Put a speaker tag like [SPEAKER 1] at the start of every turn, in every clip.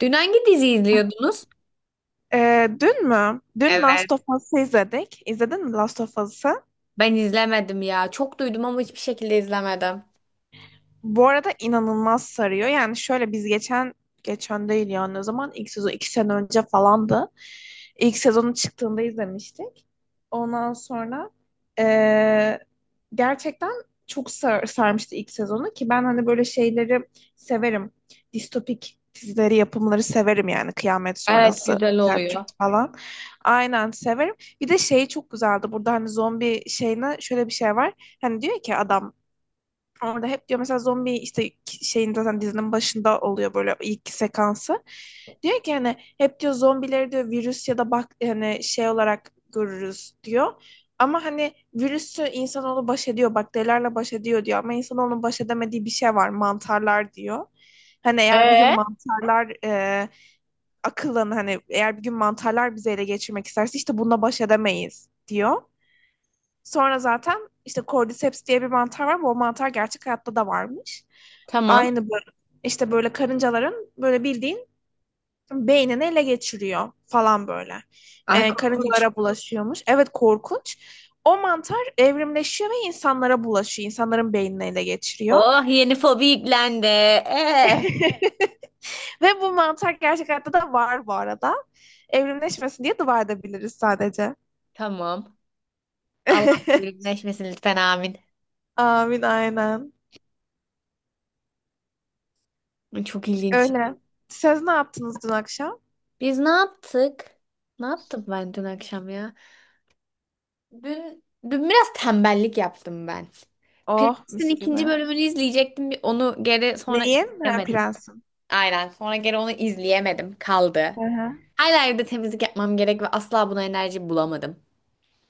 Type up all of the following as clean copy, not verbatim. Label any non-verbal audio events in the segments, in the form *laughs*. [SPEAKER 1] Dün hangi dizi izliyordunuz?
[SPEAKER 2] Dün mü? Dün
[SPEAKER 1] Evet.
[SPEAKER 2] Last of Us'ı izledik. İzledin mi Last of Us'ı?
[SPEAKER 1] Ben izlemedim ya. Çok duydum ama hiçbir şekilde izlemedim.
[SPEAKER 2] Bu arada inanılmaz sarıyor. Yani şöyle biz geçen değil yani o zaman ilk sezon iki sene önce falandı. İlk sezonun çıktığında izlemiştik. Ondan sonra eee, gerçekten çok sarmıştı ilk sezonu ki ben hani böyle şeyleri severim. Distopik dizileri, yapımları severim yani kıyamet
[SPEAKER 1] Evet
[SPEAKER 2] sonrası
[SPEAKER 1] güzel oluyor.
[SPEAKER 2] Zertürk falan. Aynen severim. Bir de şey çok güzeldi. Burada hani zombi şeyine şöyle bir şey var. Hani diyor ki adam, orada hep diyor mesela zombi işte şeyin zaten dizinin başında oluyor böyle ilk sekansı. Diyor ki hani hep diyor zombileri diyor virüs ya da bak hani şey olarak görürüz diyor. Ama hani virüsü insanoğlu baş ediyor, bakterilerle baş ediyor diyor. Ama insanoğlunun baş edemediği bir şey var, mantarlar diyor. Hani eğer bir gün
[SPEAKER 1] Ee,
[SPEAKER 2] mantarlar e, akıllan hani eğer bir gün mantarlar bizi ele geçirmek isterse işte bununla baş edemeyiz diyor. Sonra zaten işte Cordyceps diye bir mantar var. Bu mantar gerçek hayatta da varmış.
[SPEAKER 1] tamam.
[SPEAKER 2] Aynı böyle işte böyle karıncaların böyle bildiğin beynini ele geçiriyor falan böyle.
[SPEAKER 1] Ay korkunç.
[SPEAKER 2] Karıncalara bulaşıyormuş. Evet korkunç. O mantar evrimleşiyor ve insanlara bulaşıyor. İnsanların beynini ele geçiriyor.
[SPEAKER 1] Oh, yeni fobi yüklendi.
[SPEAKER 2] *laughs* Ve bu mantar gerçek hayatta da var bu arada. Evrimleşmesin diye dua edebiliriz sadece.
[SPEAKER 1] Tamam. Allah
[SPEAKER 2] *laughs*
[SPEAKER 1] birleşmesin lütfen amin.
[SPEAKER 2] Amin aynen.
[SPEAKER 1] Çok ilginç.
[SPEAKER 2] Öyle. Siz ne yaptınız dün akşam?
[SPEAKER 1] Biz ne yaptık? Ne yaptım ben dün akşam ya? Dün dün biraz tembellik yaptım ben.
[SPEAKER 2] Oh
[SPEAKER 1] Prens'in
[SPEAKER 2] mis
[SPEAKER 1] ikinci
[SPEAKER 2] gibi.
[SPEAKER 1] bölümünü izleyecektim. Onu geri sonra
[SPEAKER 2] Neyin? Ha,
[SPEAKER 1] izleyemedim.
[SPEAKER 2] prensim.
[SPEAKER 1] Aynen. Sonra geri onu izleyemedim. Kaldı.
[SPEAKER 2] Hı hı.
[SPEAKER 1] Hala evde temizlik yapmam gerek ve asla buna enerji bulamadım.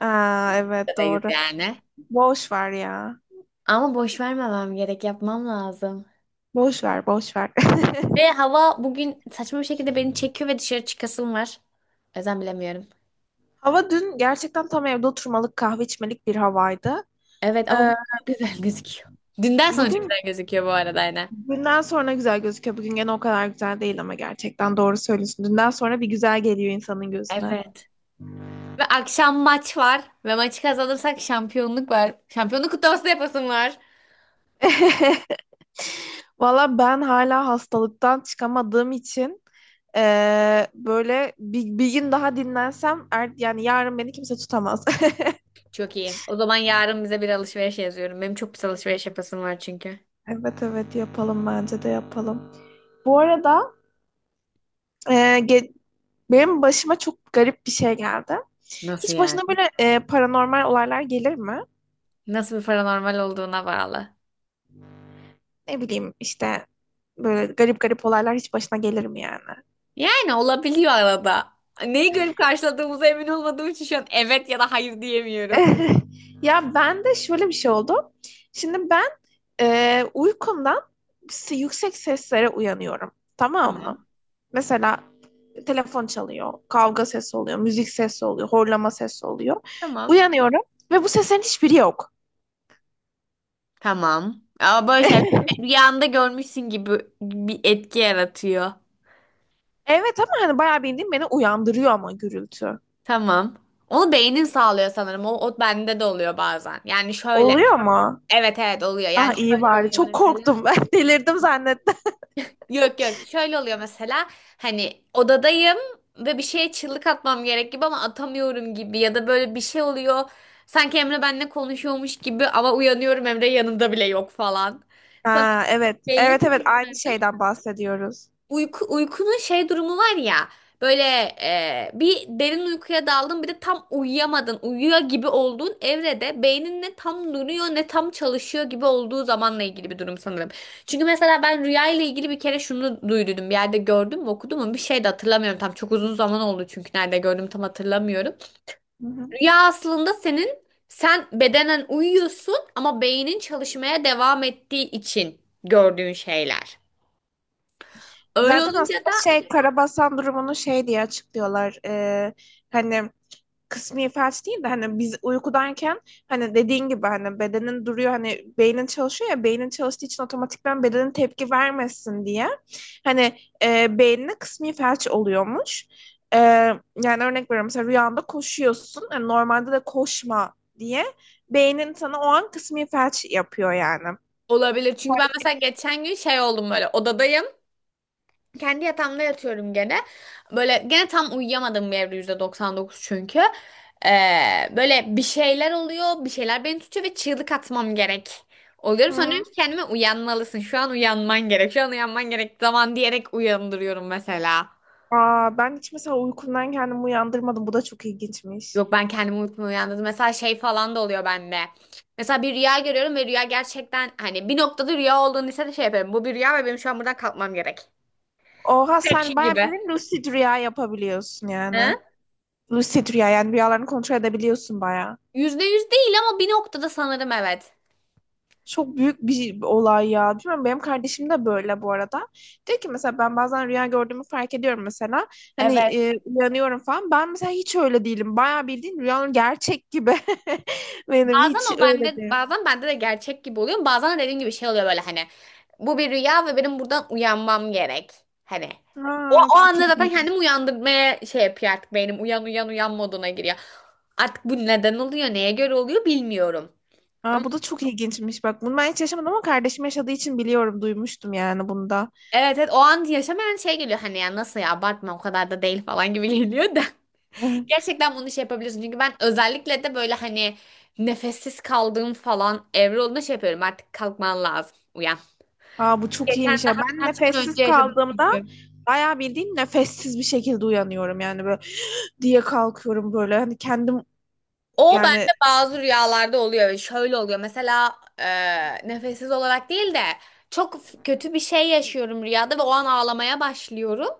[SPEAKER 2] Aa, evet
[SPEAKER 1] Buradayız
[SPEAKER 2] doğru.
[SPEAKER 1] yani.
[SPEAKER 2] Boş ver ya.
[SPEAKER 1] Ama boş vermemem gerek. Yapmam lazım.
[SPEAKER 2] Boş ver, boş ver. *laughs*
[SPEAKER 1] Ve hava bugün saçma bir şekilde beni çekiyor ve dışarı çıkasım var. O yüzden bilemiyorum.
[SPEAKER 2] Hava dün gerçekten tam evde oturmalık, kahve içmelik bir havaydı.
[SPEAKER 1] Evet ama bu
[SPEAKER 2] Ee,
[SPEAKER 1] *laughs* çok güzel gözüküyor. Dünden sonra çok
[SPEAKER 2] Bugün
[SPEAKER 1] güzel gözüküyor bu arada yine.
[SPEAKER 2] dünden sonra güzel gözüküyor. Bugün gene o kadar güzel değil ama gerçekten doğru söylüyorsun. Dünden sonra bir güzel geliyor insanın gözüne.
[SPEAKER 1] Evet. Ve akşam maç var. Ve maçı kazanırsak şampiyonluk var. Şampiyonluk kutlaması da yapasım var.
[SPEAKER 2] *laughs* Valla ben hala hastalıktan çıkamadığım için böyle bir gün daha dinlensem yani yarın beni kimse tutamaz. *laughs*
[SPEAKER 1] Çok iyi. O zaman yarın bize bir alışveriş yazıyorum. Benim çok pis alışveriş yapasım var çünkü.
[SPEAKER 2] Evet, evet yapalım, bence de yapalım. Bu arada eee, ge- benim başıma çok garip bir şey geldi.
[SPEAKER 1] Nasıl
[SPEAKER 2] Hiç
[SPEAKER 1] yani?
[SPEAKER 2] başına böyle paranormal olaylar gelir mi?
[SPEAKER 1] Nasıl bir paranormal olduğuna bağlı.
[SPEAKER 2] Ne bileyim işte böyle garip garip olaylar hiç başına gelir mi yani?
[SPEAKER 1] Yani olabiliyor arada. Neyi görüp karşıladığımıza emin olmadığım için şu an evet ya da hayır diyemiyorum.
[SPEAKER 2] *laughs* Ya ben de şöyle bir şey oldu. Şimdi ben uykumdan yüksek seslere uyanıyorum. Tamam mı?
[SPEAKER 1] Tamam.
[SPEAKER 2] Mesela telefon çalıyor, kavga sesi oluyor, müzik sesi oluyor, horlama sesi oluyor.
[SPEAKER 1] Tamam.
[SPEAKER 2] Uyanıyorum ve bu seslerin hiçbiri yok.
[SPEAKER 1] Tamam. Ama böyle şeyler
[SPEAKER 2] *laughs*
[SPEAKER 1] rüyanda görmüşsün gibi bir etki yaratıyor.
[SPEAKER 2] Evet, ama hani bayağı bildiğin beni uyandırıyor ama gürültü.
[SPEAKER 1] Tamam. Onu beynin sağlıyor sanırım. O bende de oluyor bazen. Yani şöyle.
[SPEAKER 2] Oluyor mu?
[SPEAKER 1] Evet evet oluyor.
[SPEAKER 2] Ah
[SPEAKER 1] Yani
[SPEAKER 2] iyi
[SPEAKER 1] şöyle
[SPEAKER 2] bari.
[SPEAKER 1] oluyor
[SPEAKER 2] Çok
[SPEAKER 1] mesela.
[SPEAKER 2] korktum ben. *laughs* Delirdim zannettim.
[SPEAKER 1] Yok yok şöyle oluyor mesela hani odadayım ve bir şeye çığlık atmam gerek gibi ama atamıyorum gibi ya da böyle bir şey oluyor sanki Emre benimle konuşuyormuş gibi ama uyanıyorum Emre yanımda bile yok falan. Sana
[SPEAKER 2] Ha, evet.
[SPEAKER 1] belli mi
[SPEAKER 2] Evet, evet, aynı
[SPEAKER 1] bunlar?
[SPEAKER 2] şeyden bahsediyoruz.
[SPEAKER 1] Uykunun şey durumu var ya böyle bir derin uykuya daldın bir de tam uyuyamadın uyuyor gibi olduğun evrede beynin ne tam duruyor ne tam çalışıyor gibi olduğu zamanla ilgili bir durum sanırım. Çünkü mesela ben rüya ile ilgili bir kere şunu duydum bir yerde gördüm mü okudum mu bir şey de hatırlamıyorum tam çok uzun zaman oldu çünkü nerede gördüm tam hatırlamıyorum.
[SPEAKER 2] Hı hı.
[SPEAKER 1] Rüya aslında sen bedenen uyuyorsun ama beynin çalışmaya devam ettiği için gördüğün şeyler. Öyle
[SPEAKER 2] Zaten
[SPEAKER 1] olunca.
[SPEAKER 2] aslında şey karabasan durumunu şey diye açıklıyorlar. Hani kısmi felç değil de hani biz uykudayken hani dediğin gibi hani bedenin duruyor hani beynin çalışıyor ya, beynin çalıştığı için otomatikman bedenin tepki vermesin diye hani beynine kısmi felç oluyormuş. E, Yani örnek veriyorum, mesela rüyanda koşuyorsun hani normalde de koşma diye beynin sana o an kısmi felç yapıyor yani.
[SPEAKER 1] Olabilir. Çünkü ben mesela geçen gün şey oldum böyle odadayım. Kendi yatağımda yatıyorum gene. Böyle gene tam uyuyamadım bir evde %99 çünkü. Böyle bir şeyler oluyor. Bir şeyler beni tutuyor ve çığlık atmam gerek.
[SPEAKER 2] Hı
[SPEAKER 1] Oluyorum. Sonra
[SPEAKER 2] hı.
[SPEAKER 1] diyorum ki kendime uyanmalısın. Şu an uyanman gerek. Şu an uyanman gerek zaman diyerek uyandırıyorum mesela.
[SPEAKER 2] Aa, ben hiç mesela uykumdan kendimi uyandırmadım. Bu da çok ilginçmiş.
[SPEAKER 1] Yok ben kendimi unutma uyandırdım. Mesela şey falan da oluyor bende. Mesela bir rüya görüyorum ve rüya gerçekten hani bir noktada rüya olduğunu ise de şey yapıyorum. Bu bir rüya ve benim şu an buradan kalkmam gerek.
[SPEAKER 2] Oha,
[SPEAKER 1] Şey
[SPEAKER 2] sen bayağı
[SPEAKER 1] gibi.
[SPEAKER 2] bir lucid rüya yapabiliyorsun
[SPEAKER 1] He?
[SPEAKER 2] yani. Lucid rüya yani rüyalarını kontrol edebiliyorsun bayağı.
[SPEAKER 1] %100 değil ama bir noktada sanırım evet.
[SPEAKER 2] Çok büyük bir olay ya. Bilmiyorum, benim kardeşim de böyle bu arada. Diyor ki mesela ben bazen rüya gördüğümü fark ediyorum mesela. Hani
[SPEAKER 1] Evet.
[SPEAKER 2] uyanıyorum falan. Ben mesela hiç öyle değilim. Bayağı bildiğin rüyanın gerçek gibi. *laughs* Benim
[SPEAKER 1] Bazen
[SPEAKER 2] hiç
[SPEAKER 1] o
[SPEAKER 2] öyle
[SPEAKER 1] bende,
[SPEAKER 2] değil.
[SPEAKER 1] bazen bende de gerçek gibi oluyor. Bazen de dediğim gibi şey oluyor böyle hani. Bu bir rüya ve benim buradan uyanmam gerek. Hani. O,
[SPEAKER 2] Aa,
[SPEAKER 1] o
[SPEAKER 2] çok
[SPEAKER 1] anda zaten
[SPEAKER 2] ilginç.
[SPEAKER 1] kendimi uyandırmaya şey yapıyor artık beynim. Uyan uyan uyan moduna giriyor. Artık bu neden oluyor, neye göre oluyor bilmiyorum. Ama
[SPEAKER 2] Aa, bu da çok ilginçmiş. Bak, bunu ben hiç yaşamadım ama kardeşim yaşadığı için biliyorum. Duymuştum yani bunda.
[SPEAKER 1] evet evet o an yaşamayan şey geliyor hani ya nasıl ya abartma o kadar da değil falan gibi geliyor da.
[SPEAKER 2] *laughs*
[SPEAKER 1] Gerçekten bunu şey yapabilirsin. Çünkü ben özellikle de böyle hani nefessiz kaldığım falan evre olduğunda şey yapıyorum. Artık kalkman lazım. Uyan.
[SPEAKER 2] Aa, bu çok
[SPEAKER 1] Geçen
[SPEAKER 2] iyiymiş ya.
[SPEAKER 1] daha
[SPEAKER 2] Ben
[SPEAKER 1] birkaç gün önce
[SPEAKER 2] nefessiz
[SPEAKER 1] yaşadım
[SPEAKER 2] kaldığımda
[SPEAKER 1] çünkü.
[SPEAKER 2] bayağı bildiğin nefessiz bir şekilde uyanıyorum. Yani böyle diye kalkıyorum böyle. Hani kendim
[SPEAKER 1] O
[SPEAKER 2] yani
[SPEAKER 1] bende bazı rüyalarda oluyor ve şöyle oluyor. Mesela nefessiz olarak değil de çok kötü bir şey yaşıyorum rüyada ve o an ağlamaya başlıyorum.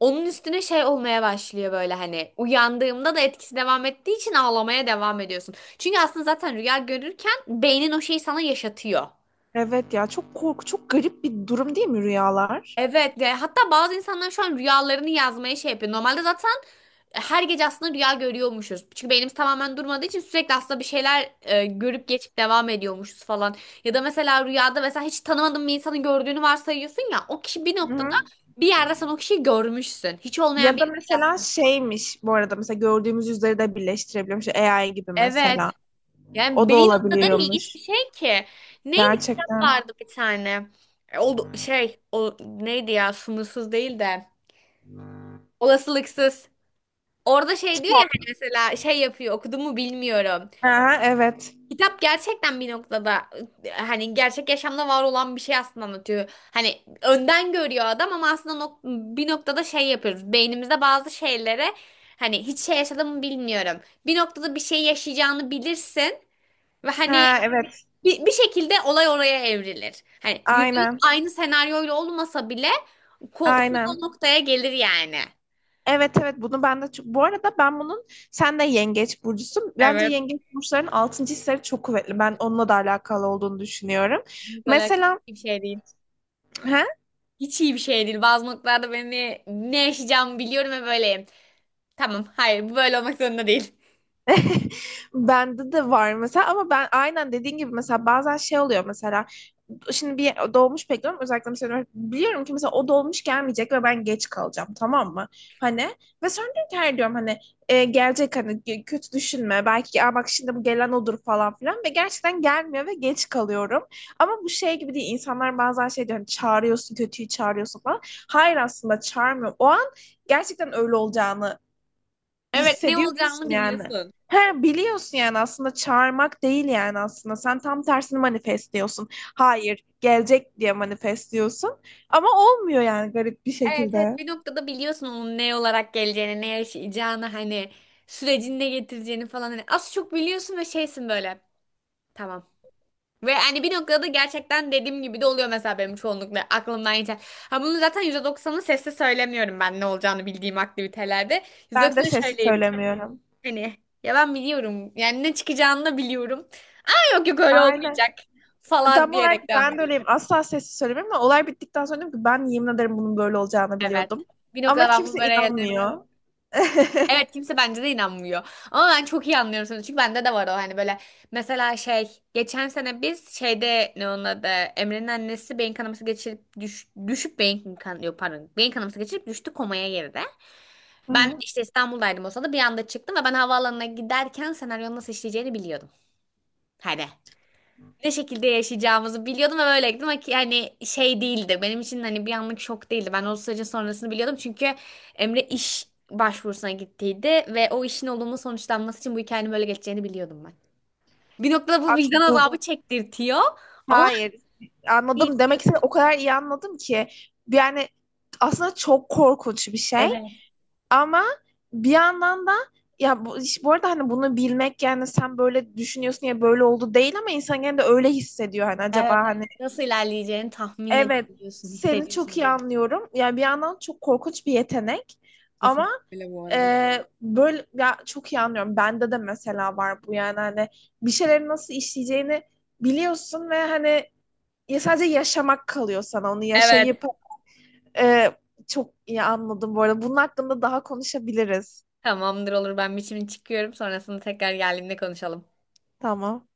[SPEAKER 1] Onun üstüne şey olmaya başlıyor böyle hani uyandığımda da etkisi devam ettiği için ağlamaya devam ediyorsun. Çünkü aslında zaten rüya görürken beynin o şeyi sana yaşatıyor.
[SPEAKER 2] evet ya, çok korku, çok garip bir durum değil mi rüyalar?
[SPEAKER 1] Evet, hatta bazı insanlar şu an rüyalarını yazmaya şey yapıyor. Normalde zaten her gece aslında rüya görüyormuşuz. Çünkü beynimiz tamamen durmadığı için sürekli aslında bir şeyler görüp geçip devam ediyormuşuz falan. Ya da mesela rüyada mesela hiç tanımadığın bir insanın gördüğünü varsayıyorsun ya o kişi bir
[SPEAKER 2] Hı
[SPEAKER 1] noktada
[SPEAKER 2] hı.
[SPEAKER 1] bir yerde sen o kişiyi görmüşsün. Hiç
[SPEAKER 2] Ya
[SPEAKER 1] olmayan biri
[SPEAKER 2] da
[SPEAKER 1] değil
[SPEAKER 2] mesela
[SPEAKER 1] aslında.
[SPEAKER 2] şeymiş bu arada, mesela gördüğümüz yüzleri de birleştirebiliyormuş. AI gibi
[SPEAKER 1] Evet.
[SPEAKER 2] mesela.
[SPEAKER 1] Yani
[SPEAKER 2] O da
[SPEAKER 1] beyin o kadar ilginç
[SPEAKER 2] olabiliyormuş.
[SPEAKER 1] bir şey ki. Neydi kitap
[SPEAKER 2] Gerçekten.
[SPEAKER 1] vardı bir tane. O şey o neydi ya sınırsız değil de olasılıksız. Orada şey diyor ya
[SPEAKER 2] Kitap.
[SPEAKER 1] hani mesela şey yapıyor okudum mu bilmiyorum.
[SPEAKER 2] Ha, evet.
[SPEAKER 1] Kitap gerçekten bir noktada hani gerçek yaşamda var olan bir şey aslında anlatıyor. Hani önden görüyor adam ama aslında bir noktada şey yapıyoruz. Beynimizde bazı şeylere hani hiç şey yaşadım mı bilmiyorum. Bir noktada bir şey yaşayacağını bilirsin ve hani
[SPEAKER 2] Ha, evet.
[SPEAKER 1] bir şekilde olay oraya evrilir. Hani yüzde yüz
[SPEAKER 2] Aynen.
[SPEAKER 1] aynı senaryoyla olmasa bile konu
[SPEAKER 2] Aynen.
[SPEAKER 1] o noktaya gelir yani.
[SPEAKER 2] Evet, evet, bunu ben de çok... Bu arada ben bunun sen de yengeç burcusun. Bence
[SPEAKER 1] Evet.
[SPEAKER 2] yengeç burçlarının altıncı hisleri çok kuvvetli. Ben onunla da alakalı olduğunu düşünüyorum.
[SPEAKER 1] Kesinlikle öyle
[SPEAKER 2] Mesela
[SPEAKER 1] bir şey değil.
[SPEAKER 2] he,
[SPEAKER 1] Hiç iyi bir şey değil. Bazı noktalarda beni ne yaşayacağımı biliyorum ve böyleyim. Tamam, hayır bu böyle olmak zorunda değil.
[SPEAKER 2] *laughs* bende de var mesela ama ben aynen dediğin gibi mesela bazen şey oluyor mesela şimdi bir dolmuş bekliyorum özellikle, mesela biliyorum ki mesela o dolmuş gelmeyecek ve ben geç kalacağım, tamam mı? Hani ve sonra diyorum ki her diyorum hani gelecek hani kötü düşünme belki. "Aa, bak şimdi bu gelen odur" falan filan ve gerçekten gelmiyor ve geç kalıyorum. Ama bu şey gibi değil, insanlar bazen şey diyor hani çağırıyorsun, kötüyü çağırıyorsun falan. Hayır, aslında çağırmıyorum. O an gerçekten öyle olacağını
[SPEAKER 1] Evet ne olacağını
[SPEAKER 2] hissediyorsun yani.
[SPEAKER 1] biliyorsun.
[SPEAKER 2] He, biliyorsun yani aslında çağırmak değil yani aslında. Sen tam tersini manifestliyorsun. Hayır, gelecek diye manifestliyorsun. Ama olmuyor yani garip bir
[SPEAKER 1] Evet evet
[SPEAKER 2] şekilde.
[SPEAKER 1] bir noktada biliyorsun onun ne olarak geleceğini, ne yaşayacağını hani sürecini ne getireceğini falan hani az çok biliyorsun ve şeysin böyle. Tamam. Ve hani bir noktada gerçekten dediğim gibi de oluyor mesela benim çoğunlukla aklımdan geçen. Ha bunu zaten %90'ı sesle söylemiyorum ben ne olacağını bildiğim aktivitelerde.
[SPEAKER 2] Ben de
[SPEAKER 1] %90'ı
[SPEAKER 2] sesi
[SPEAKER 1] söyleyeyim.
[SPEAKER 2] söylemiyorum.
[SPEAKER 1] Hani ya ben biliyorum. Yani ne çıkacağını da biliyorum. Yok yok öyle
[SPEAKER 2] Aynen.
[SPEAKER 1] olmayacak falan
[SPEAKER 2] Tam olarak
[SPEAKER 1] diyerek devam.
[SPEAKER 2] ben de öyleyim. Asla sessiz söylemem ama olay bittikten sonra dedim ki ben yemin ederim bunun böyle olacağını
[SPEAKER 1] Evet.
[SPEAKER 2] biliyordum.
[SPEAKER 1] Bir
[SPEAKER 2] Ama
[SPEAKER 1] noktada ben bunu
[SPEAKER 2] kimse
[SPEAKER 1] böyle gelemiyorum.
[SPEAKER 2] inanmıyor. *laughs*
[SPEAKER 1] Evet kimse bence de inanmıyor. Ama ben çok iyi anlıyorum seni. Çünkü bende de var o hani böyle. Mesela şey geçen sene biz şeyde ne onun adı Emre'nin annesi beyin kanaması geçirip düşüp beyin kan yok pardon beyin kanaması geçirip düştü komaya girdi.
[SPEAKER 2] Hı
[SPEAKER 1] Ben
[SPEAKER 2] hı.
[SPEAKER 1] işte İstanbul'daydım o sırada bir anda çıktım ve ben havaalanına giderken senaryonun nasıl işleyeceğini biliyordum. Hadi. Ne şekilde yaşayacağımızı biliyordum ve böyle gittim ama ki hani şey değildi. Benim için hani bir anlık şok değildi. Ben o sürecin sonrasını biliyordum çünkü Emre iş başvurusuna gittiydi ve o işin olumlu sonuçlanması için bu hikayenin böyle geçeceğini biliyordum ben. Bir noktada bu vicdan
[SPEAKER 2] Bu,
[SPEAKER 1] azabı çektirtiyor ama.
[SPEAKER 2] hayır. Anladım. Demek ki o kadar iyi anladım ki. Yani aslında çok korkunç bir şey.
[SPEAKER 1] Evet,
[SPEAKER 2] Ama bir yandan da ya bu, bu arada hani bunu bilmek yani sen böyle düşünüyorsun ya böyle oldu değil ama insan gene de öyle hissediyor. Hani acaba
[SPEAKER 1] evet, evet.
[SPEAKER 2] hani
[SPEAKER 1] Nasıl ilerleyeceğini tahmin
[SPEAKER 2] evet,
[SPEAKER 1] edebiliyorsun,
[SPEAKER 2] seni
[SPEAKER 1] hissediyorsun
[SPEAKER 2] çok iyi
[SPEAKER 1] onu.
[SPEAKER 2] anlıyorum. Yani bir yandan çok korkunç bir yetenek ama
[SPEAKER 1] Kesinlikle öyle bu arada.
[SPEAKER 2] böyle ya, çok iyi anlıyorum. Bende de mesela var bu yani hani bir şeyleri nasıl işleyeceğini biliyorsun ve hani ya sadece yaşamak kalıyor sana onu
[SPEAKER 1] Evet.
[SPEAKER 2] yaşayıp e, çok iyi anladım bu arada. Bunun hakkında daha konuşabiliriz.
[SPEAKER 1] Tamamdır olur ben biçimini çıkıyorum. Sonrasında tekrar geldiğimde konuşalım.
[SPEAKER 2] Tamam.